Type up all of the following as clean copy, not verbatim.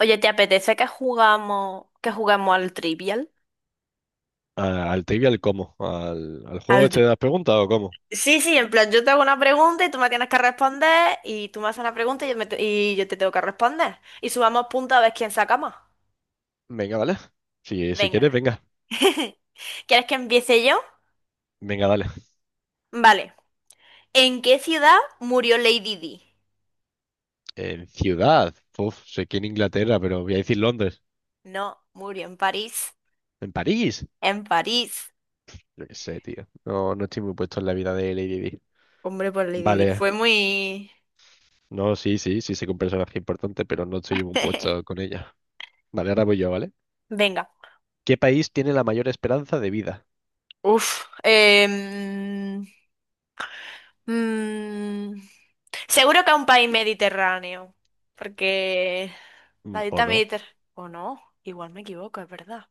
Oye, ¿te apetece que juguemos al trivial? Al trivial cómo, al juego Al este tri- de las preguntas o cómo. Sí, sí, en plan, yo te hago una pregunta y tú me tienes que responder, y tú me haces una pregunta y yo te tengo que responder. Y subamos puntos a ver quién saca más. Venga, vale. Si, si Venga. quieres, venga. ¿Quieres que empiece yo? Venga, dale. Vale. ¿En qué ciudad murió Lady Di? En ciudad. Uf, sé que en Inglaterra, pero voy a decir Londres. No, murió en París. En París. En París. Yo qué sé, tío. No, no estoy muy puesto en la vida de Lady Di. Hombre, pues Lady Di Vale. fue muy... No, sí, sí, sí sé que un personaje importante, pero no estoy muy puesto con ella. Vale, ahora voy yo, ¿vale? Venga. ¿Qué país tiene la mayor esperanza de vida? Uf. Mm, Seguro que a un país mediterráneo, porque la ¿O dieta no? mediterránea, o no, igual me equivoco, es verdad.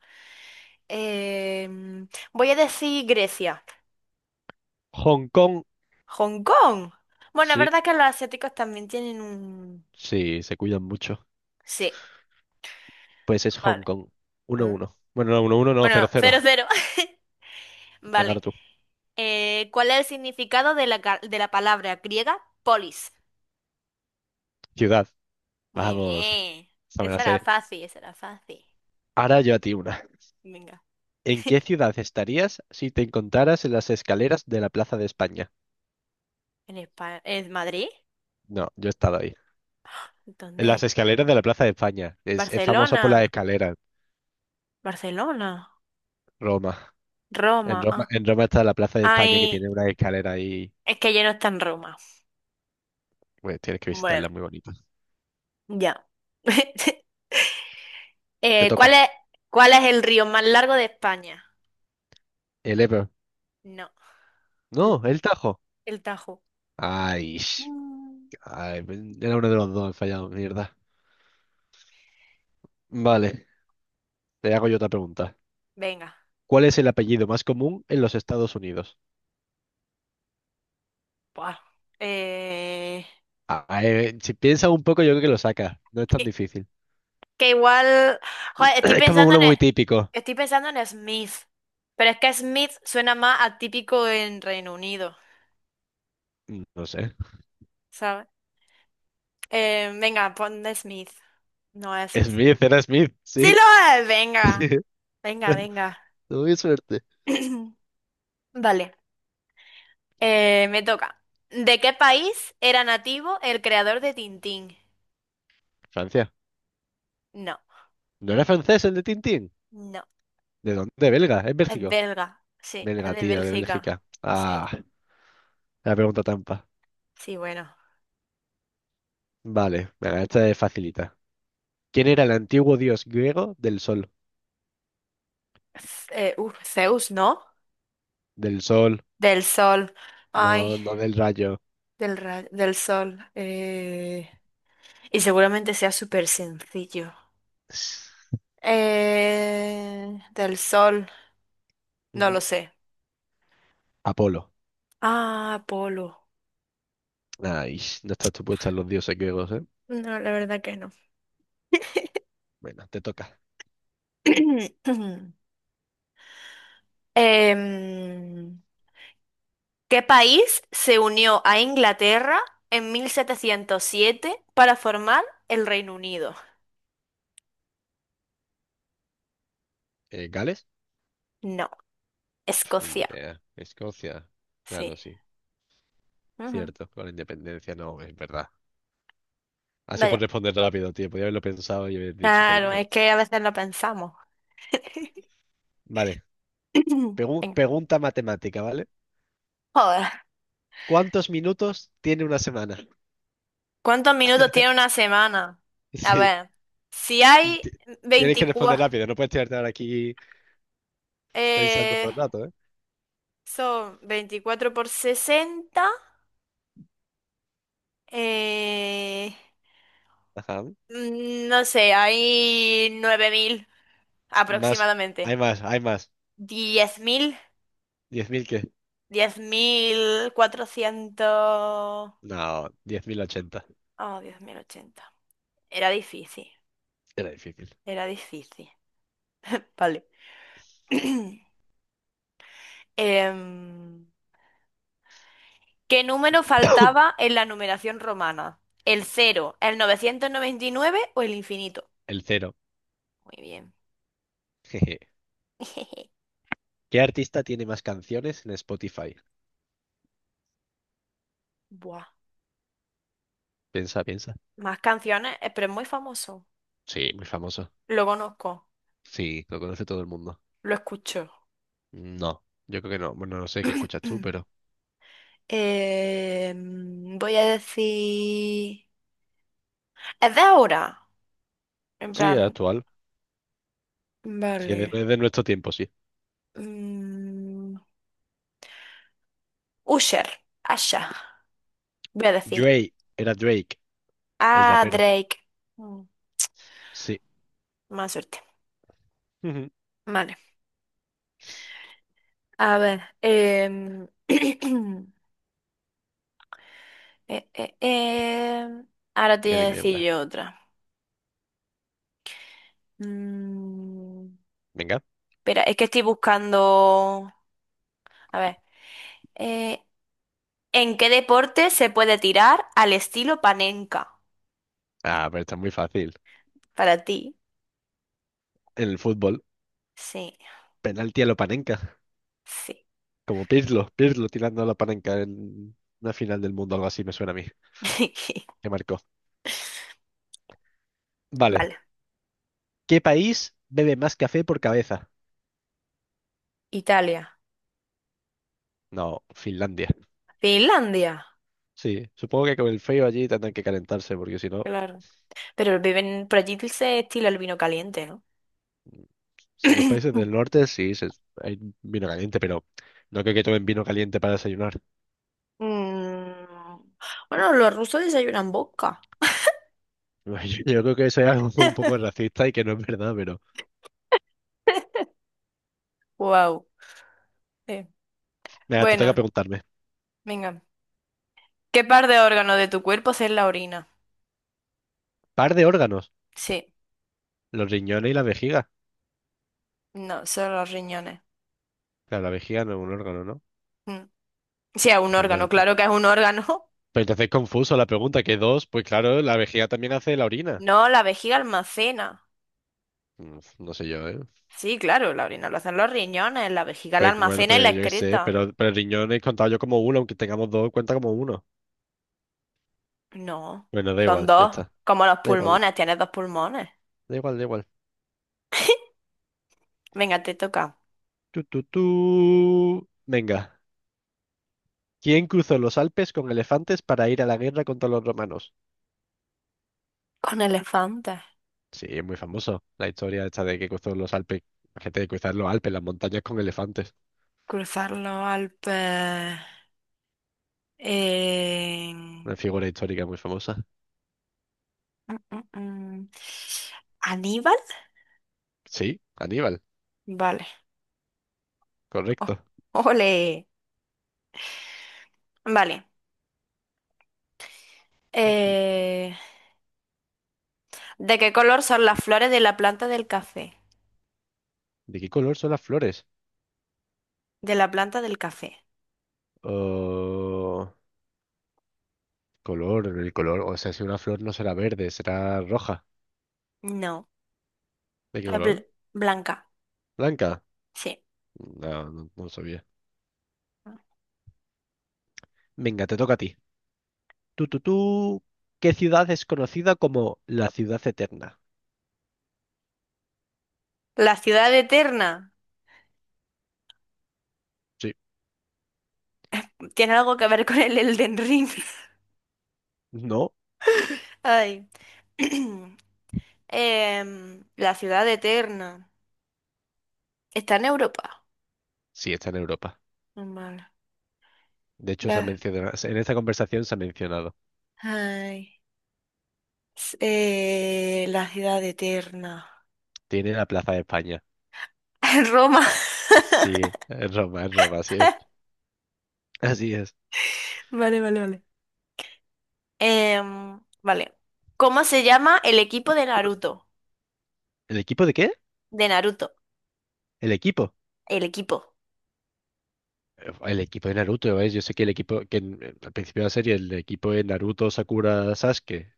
Voy a decir Grecia. Hong Kong. Hong Kong. Bueno, es Sí, verdad que los asiáticos también tienen un... sí, se cuidan mucho. Sí, Pues es Hong vale. Kong. Uno ¿Eh? uno. Bueno, no, uno 1 no, cero Bueno, cero. cero, cero. Venga, ahora Vale. tú. ¿Cuál es el significado de la, de la palabra griega polis? Ciudad. Muy Vamos, bien. esta me la Esa era sé. fácil, esa era fácil. Ahora yo a ti una. Venga. ¿En qué ciudad estarías si te encontraras en las escaleras de la Plaza de España? ¿En España? ¿En Madrid? No, yo he estado ahí. En las ¿Dónde? escaleras de la Plaza de España. Es famoso por Barcelona, las escaleras, Barcelona. Roma. En Roma. Roma, Ah. en Roma está la Plaza de España que Ay, tiene una escalera ahí. es que ya no está en Roma. Bueno, tienes que Bueno, visitarla, es muy bonita. ya. Te Eh, ¿cuál toca. es, ¿cuál es, el río más largo de España? El Ebro. No, el, No, el Tajo. el Tajo. Ay, Mm. ay, era uno de los dos, he fallado, mierda. Vale, te hago yo otra pregunta. Venga. ¿Cuál es el apellido más común en los Estados Unidos? Buah. Eh, Ah, si piensas un poco, yo creo que lo sacas. No es tan que, difícil. que igual, joder, Es como uno muy típico. estoy pensando en Smith, pero es que Smith suena más atípico en Reino Unido, No sé. ¿sabes? Venga, pon de Smith. No es Smith. Smith, era Smith, Sí sí. lo es, venga. Sí. Venga, venga. Tuve suerte. Vale. Me toca. ¿De qué país era nativo el creador de Tintín? Francia. No, ¿No era francés el de Tintín? no. ¿De dónde? ¿De Belga? ¿Es Es Bélgico? belga. Sí, es Belga, de tío, de Bélgica. Bélgica. Sí, Ah, la pregunta trampa. sí, bueno. Vale, venga, esta es facilita. ¿Quién era el antiguo dios griego del sol? Zeus, ¿no? Del sol, Del sol. Ay, no, no del rayo. del sol. Y seguramente sea súper sencillo. Del sol. No lo Ujú. sé. Apolo. Ah, polo. Mm. Ay, no estás tú puesta en los dioses griegos, ¿eh? No, la verdad que no. Bueno, te toca. Em, ¿Qué país se unió a Inglaterra en 1707 para formar el Reino Unido? ¿Gales? No, Pf, ni Escocia. idea. Escocia. Sí. Claro, sí. Ujú. Cierto, con la independencia no, es verdad. Así Vaya. por responder rápido, tío. Podría haberlo pensado y haber dicho, pero Claro, es mierda. que a veces lo pensamos. Vale. Venga. Pregunta matemática, ¿vale? Joder. ¿Cuántos minutos tiene una semana? ¿Cuántos minutos tiene una semana? A Sí. ver. Si hay Ti- Tienes que responder 24, rápido. No puedes tirarte ahora aquí pensando todo eh, el rato, ¿eh? son 24 por 60. Eh, Ajá. No sé, hay 9000 Más. Hay aproximadamente. más, hay más. 10.000. ¿10.000 qué? 10.400. No, 10.080. Oh, 10.080. Era difícil, Era difícil. era difícil. Vale. Em, ¿Qué número faltaba en la numeración romana? ¿El cero, el 999 o el infinito? El cero. Muy bien. Jeje. ¿Qué artista tiene más canciones en Spotify? Buah. Piensa, piensa. Más canciones, pero es muy famoso. Sí, muy famoso. Lo conozco, Sí, lo conoce todo el mundo. lo escucho. No, yo creo que no. Bueno, no sé qué escuchas tú, pero... Voy a decir... Es de ahora. En Sí, es plan... actual. Sí, Vale. es de nuestro tiempo, sí. Mm, Usher. Asha. Voy a decir. Drake, era Drake, el Ah, rapero. Drake. Mm, Sí. Más suerte. Ujú. Vale. A ver. Eh, eh, em, Ahora te Venga, voy a dime decir una. yo otra. Mm. Venga. Espera, es que estoy buscando... A ver. eh, ¿En qué deporte se puede tirar al estilo panenka? Ah, pero está muy fácil. Para ti. En el fútbol, Sí, penalti a lo Panenka. sí. Como Pirlo, Pirlo tirando a lo Panenka en una final del mundo, algo así me suena a mí. Que marcó. Vale. Vale. ¿Qué país bebe más café por cabeza? Italia. No, Finlandia. Finlandia. Sí, supongo que con el frío allí tendrán que calentarse, porque si no. Claro. Pero viven por allí se estila el vino caliente, ¿no? Si los países del norte sí, hay vino caliente, pero no creo que tomen vino caliente para desayunar. Mm, Bueno, los rusos desayunan boca. Yo, yo creo que eso es algo un poco racista y que no es verdad, pero... Wow. Venga, te toca Bueno, preguntarme. venga. ¿Qué par de órganos de tu cuerpo es la orina? Par de órganos, Sí, los riñones y la vejiga. no, son los riñones. Claro, la vejiga no es un órgano, ¿no? Mm. Sí, es un Que órgano, bueno, claro que es un órgano. pues entonces es confuso la pregunta, que dos, pues claro, la vejiga también hace la orina. No, la vejiga almacena. No sé yo, ¿eh? Sí, claro, la orina lo hacen los riñones, la vejiga la Pero, bueno, almacena y la pero yo qué sé, excreta. Pero el riñón he contado yo como uno, aunque tengamos dos, cuenta como uno. No, Bueno, da son igual, ya dos, está. como los Da igual, pulmones, tienes dos pulmones. da igual, da igual. Venga, te toca. Tú, tú, tú. Venga. ¿Quién cruzó los Alpes con elefantes para ir a la guerra contra los romanos? Con elefantes. Sí, es muy famoso la historia esta de que cruzó los Alpes, la gente de cruzar los Alpes, las montañas con elefantes. Cruzar los Alpes. en- Una figura histórica muy famosa. Mm, mm, mm. ¿Aníbal? Sí, Aníbal, Vale. O- correcto. Ole. Vale. Mm, mm. Eh, ¿De qué color son las flores de la planta del café? ¿De qué color son las flores? De la planta del café. Oh, color, el color, o sea, si una flor no será verde, será roja. No. ¿De qué Es color? blanca. ¿Blanca? Sí. No, no, no sabía. Venga, te toca a ti. Tú, tú, tú. ¿Qué ciudad es conocida como la ciudad eterna? La ciudad eterna. Sí. Tiene algo que ver con el Elden Ring. No, Ay. La ciudad eterna. Está en Europa. sí, está en Europa. Normal. De hecho, se ha La, mencionado, en esta conversación se ha mencionado. Ay. La ciudad eterna. Tiene la Plaza de España. Roma. Sí, en Roma, así es. Así es. Vale, vale, vale. Vale. ¿Cómo se llama el equipo de Naruto? ¿El equipo de qué? De Naruto. El equipo. El equipo. El equipo de Naruto, ¿eh? Yo sé que el equipo, que al principio de la serie, el equipo de Naruto, Sakura, Sasuke,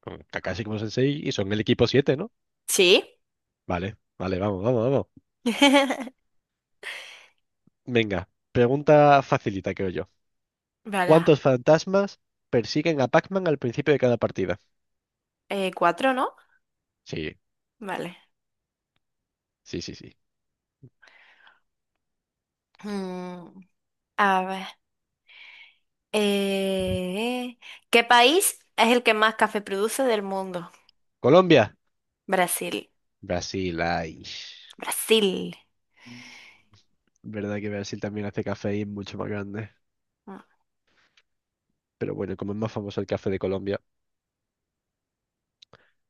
con Kakashi como sensei, y son el equipo siete, ¿no? ¿Sí? Vale, vale, vamos, vamos, vamos. Venga, pregunta facilita, creo yo. Vale. ¿Cuántos fantasmas persiguen a Pac-Man al principio de cada partida? Cuatro, ¿no? Sí, Vale. sí, sí, sí. Mm, a ver. Eh, ¿Qué país es el que más café produce del mundo? Colombia. Brasil. Brasil, ay. Brasil. Verdad que Brasil también hace café mucho más grande. Mm. Pero bueno, como es más famoso el café de Colombia.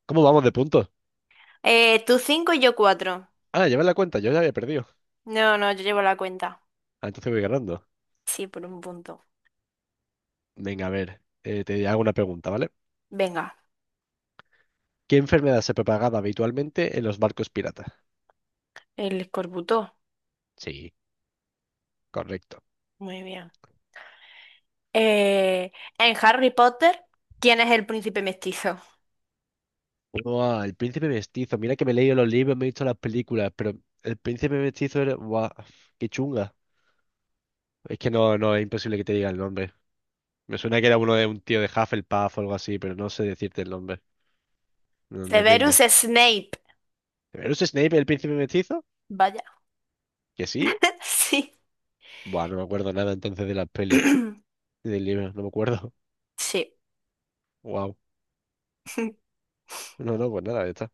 ¿Cómo vamos de puntos? Tú cinco y yo cuatro. Ah, lleva la cuenta, yo ya había perdido. No, no, yo llevo la cuenta. Ah, entonces voy ganando. Sí, por un punto. Venga, a ver, te hago una pregunta, ¿vale? Venga, ¿Qué enfermedad se propagaba habitualmente en los barcos piratas? el escorbuto. Sí, correcto. Muy bien. Eh, en Harry Potter, ¿quién es el príncipe mestizo? Buah, el príncipe mestizo. Mira que me he leído los libros, me he visto las películas, pero el príncipe mestizo era... Buah, qué chunga. Es que no, no, es imposible que te diga el nombre. Me suena que era uno de un tío de Hufflepuff o algo así, pero no sé decirte el nombre. No, me Severus rindo. Snape. ¿Pero es Snape el príncipe mestizo? Vaya. ¿Que sí? Sí. Buah, no me acuerdo nada entonces de las pelis y del libro, no me acuerdo. Sí. Wow. No, no, pues nada, ya está.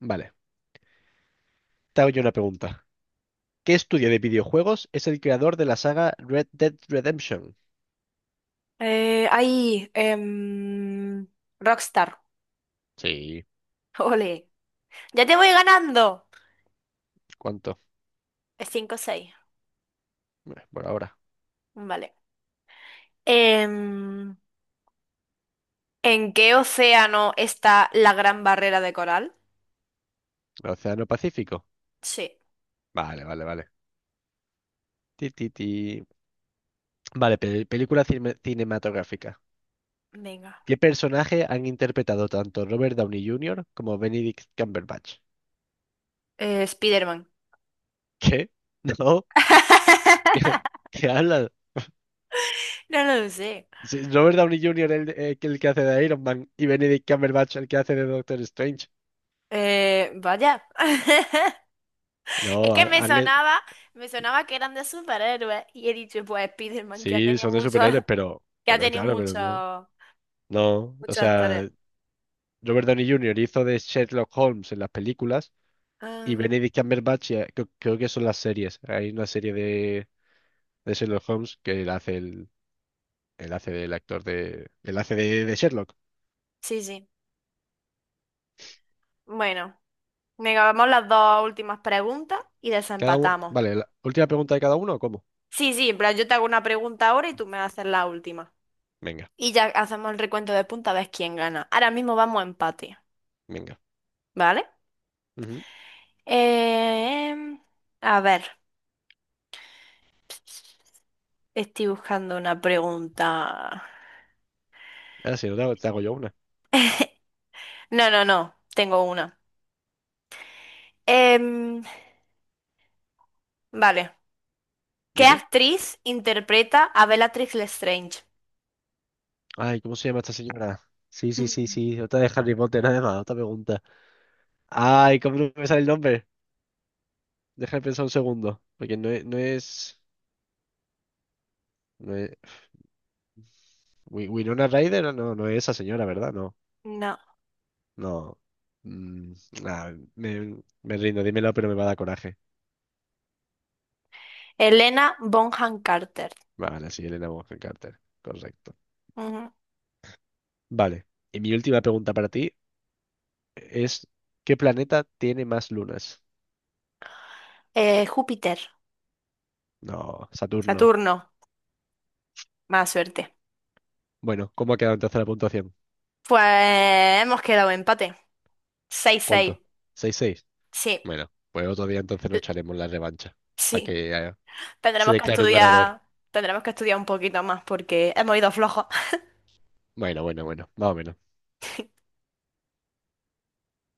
Vale, te hago yo una pregunta. ¿Qué estudio de videojuegos es el creador de la saga Red Dead Redemption? Ahí, Rockstar. Sí. Ole. Ya te voy ganando. ¿Cuánto? Cinco, seis. Por ahora. Vale. Em, ¿En qué océano está la Gran Barrera de Coral? ¿El Océano Pacífico? Sí, Vale, vale, vale. Ti, ti, ti. Vale, película cinematográfica. venga. ¿Qué personaje han interpretado tanto Robert Downey Jr. como Benedict Cumberbatch? Spiderman. ¿Qué? No. ¿Qué habla? No lo sé. Sí, Robert Downey Jr., el que hace de Iron Man, y Benedict Cumberbatch, el que hace de Doctor Strange. Vaya. Es No, que me sonaba, me sonaba que eran de superhéroes y he dicho, pues Spiderman, que ha sí, tenido son de muchos. superhéroes, Que ha pero tenido claro, pero muchos, no. No, o muchos actores. sea, Robert Downey Jr. hizo de Sherlock Holmes en las películas, y Ah, Benedict Cumberbatch creo que son las series. Hay una serie de Sherlock Holmes que él hace el, él hace del actor de, él hace de Sherlock. sí, sí. Bueno, venga, vamos las dos últimas preguntas y Cada uno, desempatamos. vale, la última pregunta de cada uno, ¿o cómo? Sí, sí, en plan, yo te hago una pregunta ahora y tú me haces la última. Venga, Y ya hacemos el recuento de punta a ver quién gana. Ahora mismo vamos a empate, venga. ¿vale? Ujú. Em, a ver, estoy buscando una pregunta. Ahora sí, te hago yo una. No, no, no, tengo una. Em, vale. ¿Qué Dime. actriz interpreta a Bellatrix Lestrange? Ay, ¿cómo se llama esta señora? Sí, sí, sí, Mm. sí. Otra de Harry Potter, además, otra pregunta. Ay, ¿cómo no me sale el nombre? Deja de pensar un segundo. Porque no es, no es. No es- Wi- Winona Ryder, no, no es esa señora, ¿verdad? No, No. no. Mm, ah, me, Me rindo, dímelo, pero me va a dar coraje. Helena Bonham Carter. Vale, sí, Elena Bonham Carter. Correcto. Ujú. Vale. Y mi última pregunta para ti es: ¿qué planeta tiene más lunas? Júpiter. No, Saturno. Saturno. Más suerte. Bueno, ¿cómo ha quedado entonces la puntuación? Pues hemos quedado empate. 6-6, ¿Cuánto? Seis seis. sí, Bueno, pues otro día entonces nos l- echaremos la revancha para sí. que se Tendremos que declare un ganador. estudiar, tendremos que estudiar un poquito más porque hemos ido flojos. Bueno, bueno, bueno, más o menos.